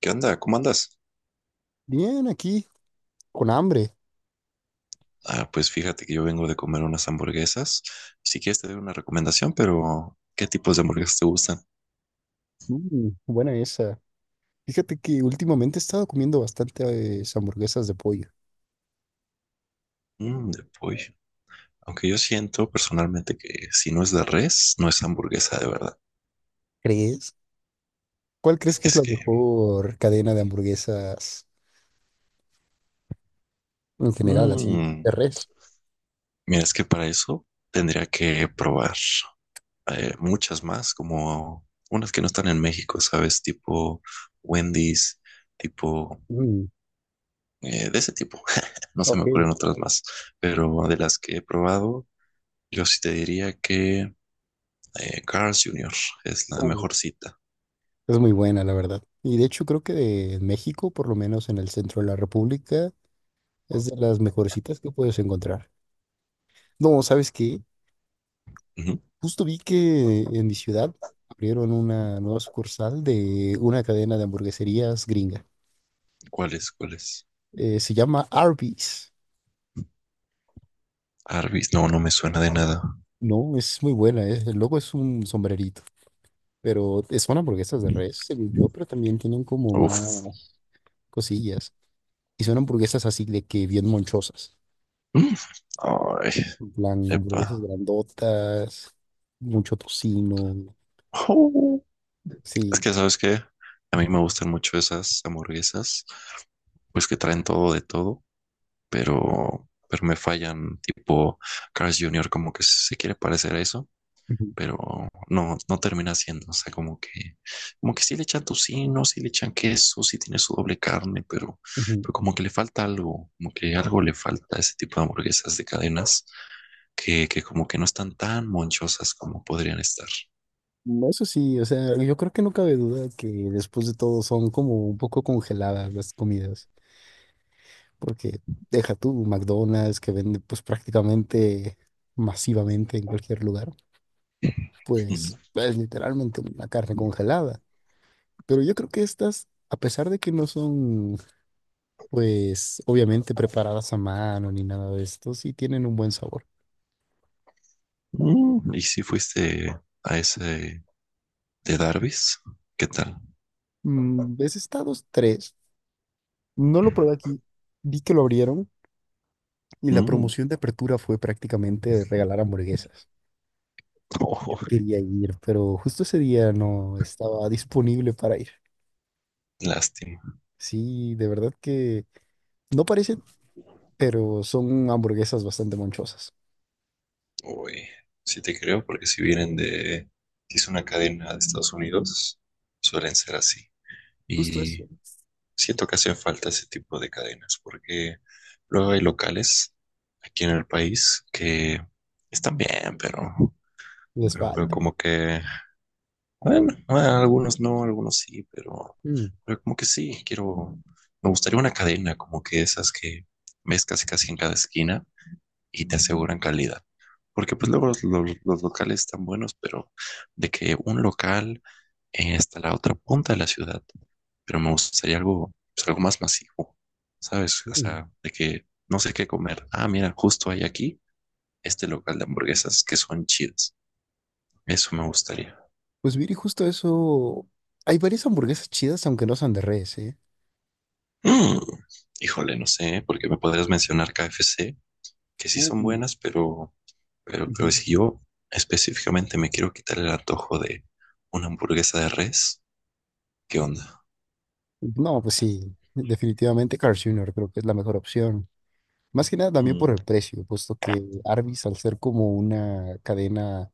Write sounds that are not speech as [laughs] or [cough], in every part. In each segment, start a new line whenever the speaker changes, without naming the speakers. ¿Qué onda? ¿Cómo andas?
Bien, aquí, con hambre.
Ah, pues fíjate que yo vengo de comer unas hamburguesas. Si quieres te doy una recomendación, pero ¿qué tipos de hamburguesas te gustan?
Mm, buena esa. Fíjate que últimamente he estado comiendo bastante hamburguesas de pollo.
Mm, de pollo. Aunque yo siento personalmente que si no es de res, no es hamburguesa de verdad.
¿Crees? ¿Cuál crees que es
Es
la
que,
mejor cadena de hamburguesas en general, así, de
mm,
res?
mira, es que para eso tendría que probar muchas más, como unas que no están en México, ¿sabes? Tipo Wendy's, tipo
Mm,
de ese tipo. [laughs] No se me
ok.
ocurren otras más, pero de las que he probado yo sí te diría que Carl's Jr. es la
Uh,
mejor cita.
es muy buena, la verdad. Y de hecho creo que de México, por lo menos en el centro de la República, es de las mejorcitas que puedes encontrar. No, ¿sabes qué?
Ujú.
Justo vi que en mi ciudad abrieron una nueva sucursal de una cadena de hamburgueserías gringa.
¿Cuál es? ¿Cuál es?
Se llama Arby's.
Arby's, no, no me suena de nada.
No, es muy buena. El logo es un sombrerito, pero es son hamburguesas de res, según yo, pero también tienen como
Uf.
más cosillas. Y son hamburguesas así de que bien monchosas.
Mm. Ay,
En plan,
epa.
hamburguesas grandotas, mucho tocino.
Oh.
Sí.
Es que, ¿sabes qué? A mí me gustan mucho esas hamburguesas, pues que traen todo de todo, pero me fallan. Tipo, Carl's Junior, como que se quiere parecer a eso,
Ujú,
pero no, no termina siendo, o sea, como que sí le echan tocino, sí, ¿no? Sí le echan queso, sí tiene su doble carne, pero,
ujú.
pero como que le falta algo, como que algo le falta a ese tipo de hamburguesas de cadenas que como que no están tan monchosas como podrían estar.
No, eso sí, o sea, yo creo que no cabe duda que después de todo son como un poco congeladas las comidas. Porque deja tú McDonald's, que vende pues prácticamente masivamente en cualquier lugar, pues
[laughs]
es literalmente una carne congelada. Pero yo creo que estas, a pesar de que no son pues obviamente preparadas a mano ni nada de esto, sí tienen un buen sabor.
Mm, ¿y si fuiste a ese de Darby's? ¿Qué tal?
Mm, ese Estados 3 no lo probé aquí, vi que lo abrieron y la
Mm,
promoción de apertura fue prácticamente regalar hamburguesas.
oh,
Quería ir, pero justo ese día no estaba disponible para ir.
lástima.
Sí, de verdad que no parecen, pero son hamburguesas bastante monchosas.
Uy, sí te creo, porque si vienen de, si es una cadena de Estados Unidos, suelen ser así.
Justo
Y
eso.
siento que hacen falta ese tipo de cadenas, porque luego hay locales aquí en el país que están bien, pero,
Les
pero, pero
falta.
como que, bueno, ah, algunos no, algunos sí, pero,
Mm,
pero como que sí, quiero, me gustaría una cadena como que esas que ves casi casi en cada esquina y te aseguran calidad. Porque pues luego los, los locales están buenos, pero de que un local está a la otra punta de la ciudad, pero me gustaría algo, pues, algo más masivo, ¿sabes? O
mm.
sea, de que no sé qué comer. Ah, mira, justo hay aquí este local de hamburguesas que son chidas. Eso me gustaría.
Pues mire, justo eso. Hay varias hamburguesas chidas, aunque no son de res, ¿eh?
Mm, híjole, no sé, porque me podrías mencionar KFC, que sí son
Mm,
buenas, pero
ujú.
si yo específicamente me quiero quitar el antojo de una hamburguesa de res. ¿Qué onda?
No, pues sí, definitivamente Carl Jr. creo que es la mejor opción. Más que nada también por
Mm.
el precio, puesto que Arby's, al ser como una cadena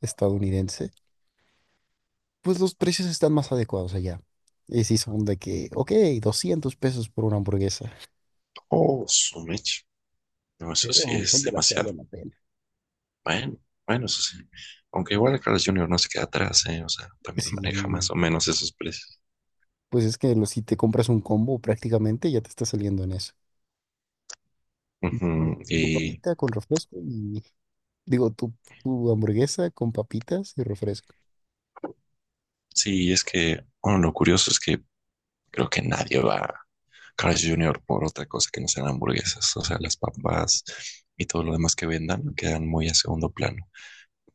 estadounidense, pues los precios están más adecuados allá. Y sí son de que, ok, 200 pesos por una hamburguesa.
Oh, su mecha. No, eso sí
Pero son
es
de las que vale
demasiado.
la pena.
Bueno, bueno, eso sí. Aunque igual el Carlos Junior no se queda atrás, ¿eh? O sea, también maneja
Sí,
más o menos esos precios.
pues es que si te compras un combo prácticamente ya te está saliendo en eso. De
Ujú.
que tu
Y
papita con refresco y digo, tu hamburguesa con papitas y refresco.
sí, es que, bueno, lo curioso es que creo que nadie va a Carlos Jr. por otra cosa que no sean hamburguesas. O sea, las papas y todo lo demás que vendan quedan muy a segundo plano.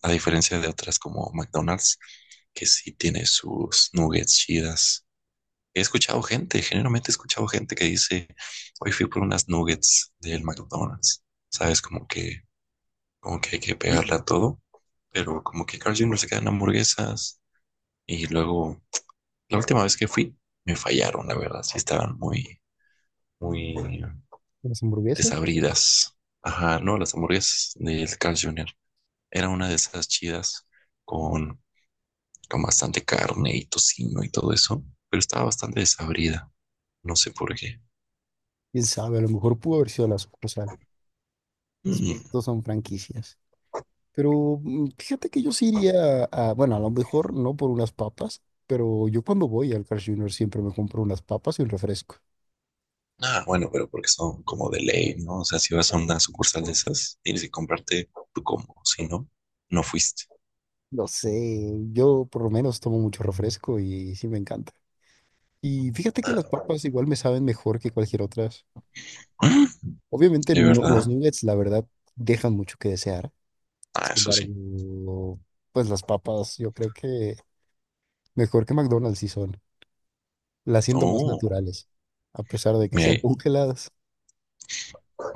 A diferencia de otras como McDonald's, que sí tiene sus nuggets chidas, he escuchado gente, generalmente he escuchado gente que dice, hoy fui por unas nuggets del McDonald's. Sabes, como que hay que pegarla
Mm,
a todo, pero como que Carl Jr. se quedan hamburguesas y luego, la última vez que fui, me fallaron, la verdad, sí estaban muy, muy
las hamburguesas, pues, las pap-.
desabridas. Ajá, no, las hamburguesas del Carl Jr. Era una de esas chidas con, con bastante carne y tocino y todo eso, pero estaba bastante desabrida, no sé por qué.
Quién sabe, a lo mejor pudo haber sido la sucursal.
Mm.
Después todos son franquicias. Pero fíjate que yo sí iría a, bueno, a lo mejor no por unas papas, pero yo cuando voy al Carl Junior siempre me compro unas papas y un refresco.
Ah, bueno, pero porque son como de ley, ¿no? O sea, si vas a una sucursal de esas, tienes que comprarte tu combo. Si no, no fuiste.
Lo sé, yo por lo menos tomo mucho refresco y sí me encanta. Y fíjate que las
Ah,
papas igual me saben mejor que cualquier otras.
mm,
Obviamente
¿de
los
verdad?
nuggets, la verdad, dejan mucho que desear.
Ah,
Sin
eso sí.
embargo, pues las papas yo creo que mejor que McDonald's sí son. Las siento más
Oh,
naturales, a pesar de que
mira,
sean [laughs]
ahí-
congeladas.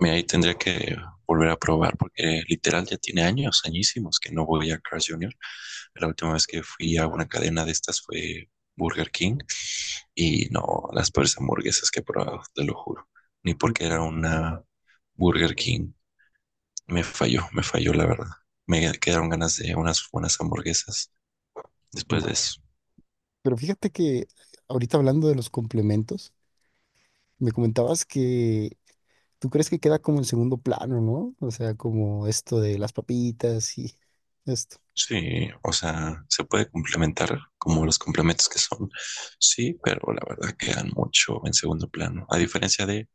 mira, ahí tendría que volver a probar porque literal ya tiene años, añísimos que no voy a Carl's Jr. La última vez que fui a una cadena de estas fue Burger King y no, las peores hamburguesas que he probado, te lo juro. Ni porque era una Burger King. Me falló la verdad. Me quedaron ganas de unas buenas hamburguesas después
Uf.
de eso.
Pero fíjate que ahorita hablando de los complementos, me comentabas que ¿tú crees que queda como en segundo plano, no? O sea, como esto de las papitas y esto.
Sí, o sea, se puede complementar como los complementos que son, sí, pero la verdad quedan mucho en segundo plano. A diferencia de,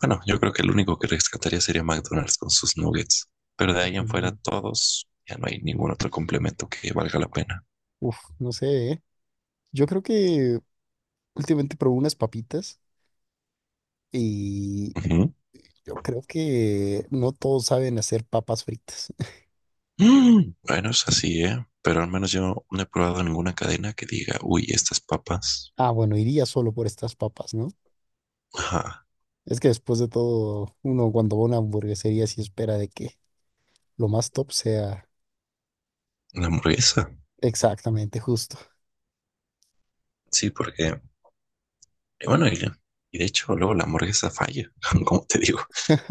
bueno, yo creo que el único que rescataría sería McDonald's con sus nuggets, pero de ahí en fuera
Ujú.
todos, ya no hay ningún otro complemento que valga la pena.
Uf, no sé, ¿eh? Yo creo que últimamente probé unas papitas y
Ujú.
yo creo que no todos saben hacer papas fritas. [laughs]
Mm, bueno, es así, ¿eh? Pero al menos yo no he probado ninguna cadena que diga, uy, estas papas,
Ah, bueno, iría solo por estas papas, ¿no?
ajá,
Es que después de todo, uno cuando va a una hamburguesería sí espera de que lo más top sea
la hamburguesa.
exactamente justo.
Sí, porque, y bueno, y de hecho luego la hamburguesa falla, [laughs] como te digo.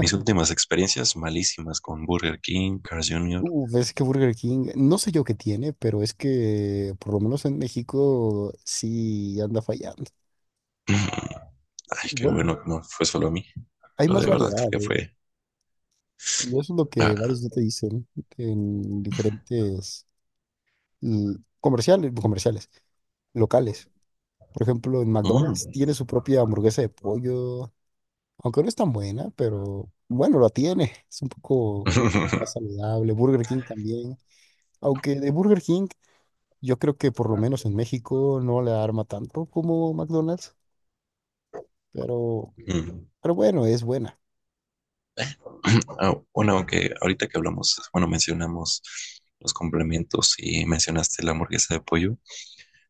Mis últimas experiencias malísimas con Burger King, Carl's Jr. [clears throat]
Ves que Burger King, no sé yo qué tiene, pero es que por lo menos en México sí anda fallando.
Ay, qué
Bueno,
bueno que no fue solo a mí.
hay
Pero
más
de verdad
variedad,
creo que
¿eh?
fue...
Y eso es lo
ah,
que varios no te dicen en diferentes comerciales, locales. Por ejemplo, en
mm.
McDonald's tiene su propia hamburguesa de pollo, aunque no es tan buena, pero bueno, la tiene. Es un poco más
[laughs]
saludable. Burger King también. Aunque de Burger King yo creo que por lo menos en México no le arma tanto como McDonald's, pero,
Mm.
pero bueno, es buena.
[clears throat] Ah, bueno, aunque ahorita que hablamos, bueno, mencionamos los complementos y mencionaste la hamburguesa de pollo.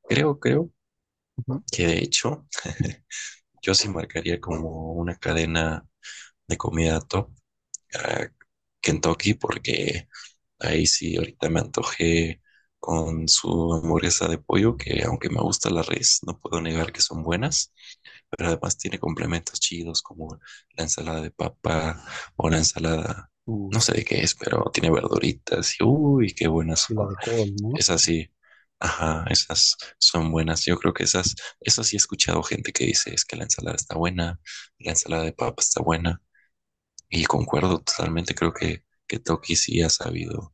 Creo
Ujú.
que de hecho yo sí marcaría como una cadena de comida top a Kentucky porque ahí sí, ahorita me antojé con su hamburguesa de pollo, que aunque me gusta la res, no puedo negar que son buenas, pero además tiene complementos chidos como la ensalada de papa o la ensalada, no
Sí,
sé de qué es, pero tiene verduritas y uy, qué buenas
sí, la
son.
de col, ¿no?
Esas sí, ajá, esas son buenas. Yo creo que esas, esas sí he escuchado gente que dice es que la ensalada está buena, la ensalada de papa está buena, y concuerdo totalmente, creo que Toki sí ha sabido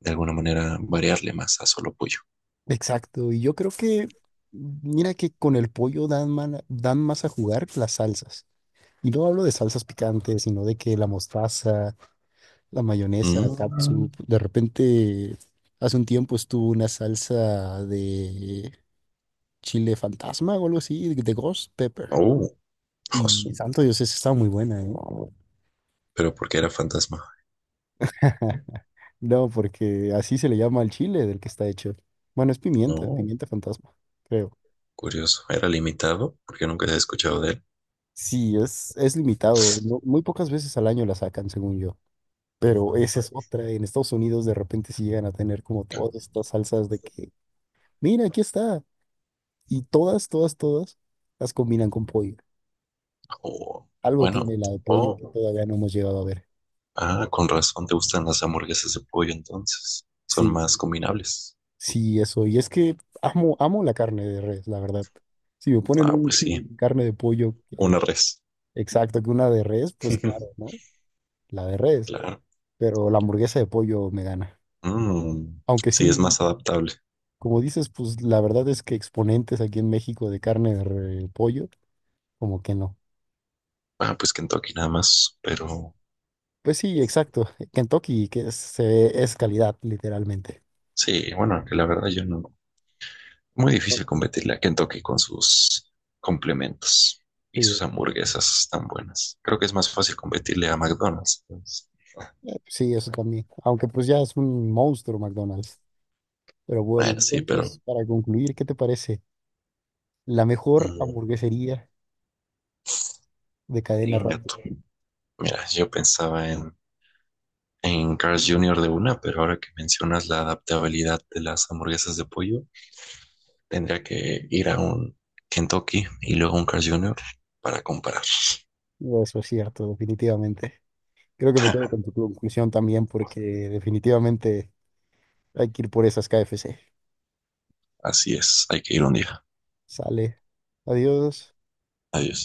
de alguna manera variarle más a solo pollo.
Exacto, y yo creo que, mira que con el pollo dan, man dan más a jugar las salsas. Y no hablo de salsas picantes, sino de que la mostaza, la mayonesa,
Mm,
catsup, de repente, hace un tiempo estuvo una salsa de chile fantasma o algo así, de ghost pepper.
oh,
Y
josu.
santo Dios, esa estaba muy buena, ¿eh?
Pero porque era fantasma.
[laughs] No, porque así se le llama al chile del que está hecho. Bueno, es pimienta,
No,
pimienta fantasma, creo.
curioso. Era limitado porque nunca he escuchado de él.
Sí, es limitado. Muy pocas veces al año la sacan, según yo. Pero esa es otra. En Estados Unidos de repente sí llegan a tener como todas estas salsas de que, mira, aquí está. Y todas, todas, todas las combinan con pollo.
Oh,
Algo tiene
bueno.
la de pollo que
Oh,
todavía no hemos llegado a ver.
ah, con razón te gustan las hamburguesas de pollo entonces. Son
Sí,
más combinables.
sí, eso. Y es que amo, amo la carne de res, la verdad. Si me ponen
Ah,
un
pues sí.
[laughs] carne de pollo.
Una res.
Exacto, que una de res, pues claro, ¿no?
[laughs]
La de res,
Claro.
pero la hamburguesa de pollo me gana.
Mm,
Aunque
sí, es
sí,
más adaptable.
como dices, pues la verdad es que exponentes aquí en México de carne de pollo, como que no.
Ah, pues Kentucky nada más, pero
Pues sí, exacto. [laughs] Kentucky, que es, es calidad, literalmente.
sí, bueno, que la verdad yo no, muy difícil competirle a Kentucky con sus complementos y
Sí,
sus hamburguesas tan buenas. Creo que es más fácil competirle a McDonald's, pues.
sí, eso también. Aunque pues ya es un monstruo McDonald's. Pero bueno,
Bueno, sí, pero...
entonces, para concluir, ¿qué te parece? La mejor
mm,
hamburguesería de cadena
inga
rápida.
tu. Mira, yo pensaba en, Carl's Jr. de una, pero ahora que mencionas la adaptabilidad de las hamburguesas de pollo, tendría que ir a un Kentucky y luego un Carl's Jr. para comparar.
Eso es cierto, definitivamente. Creo que me quedo con tu conclusión también porque definitivamente hay que ir por esas KFC.
Así es, hay que ir un día.
Sale. Adiós.
Adiós.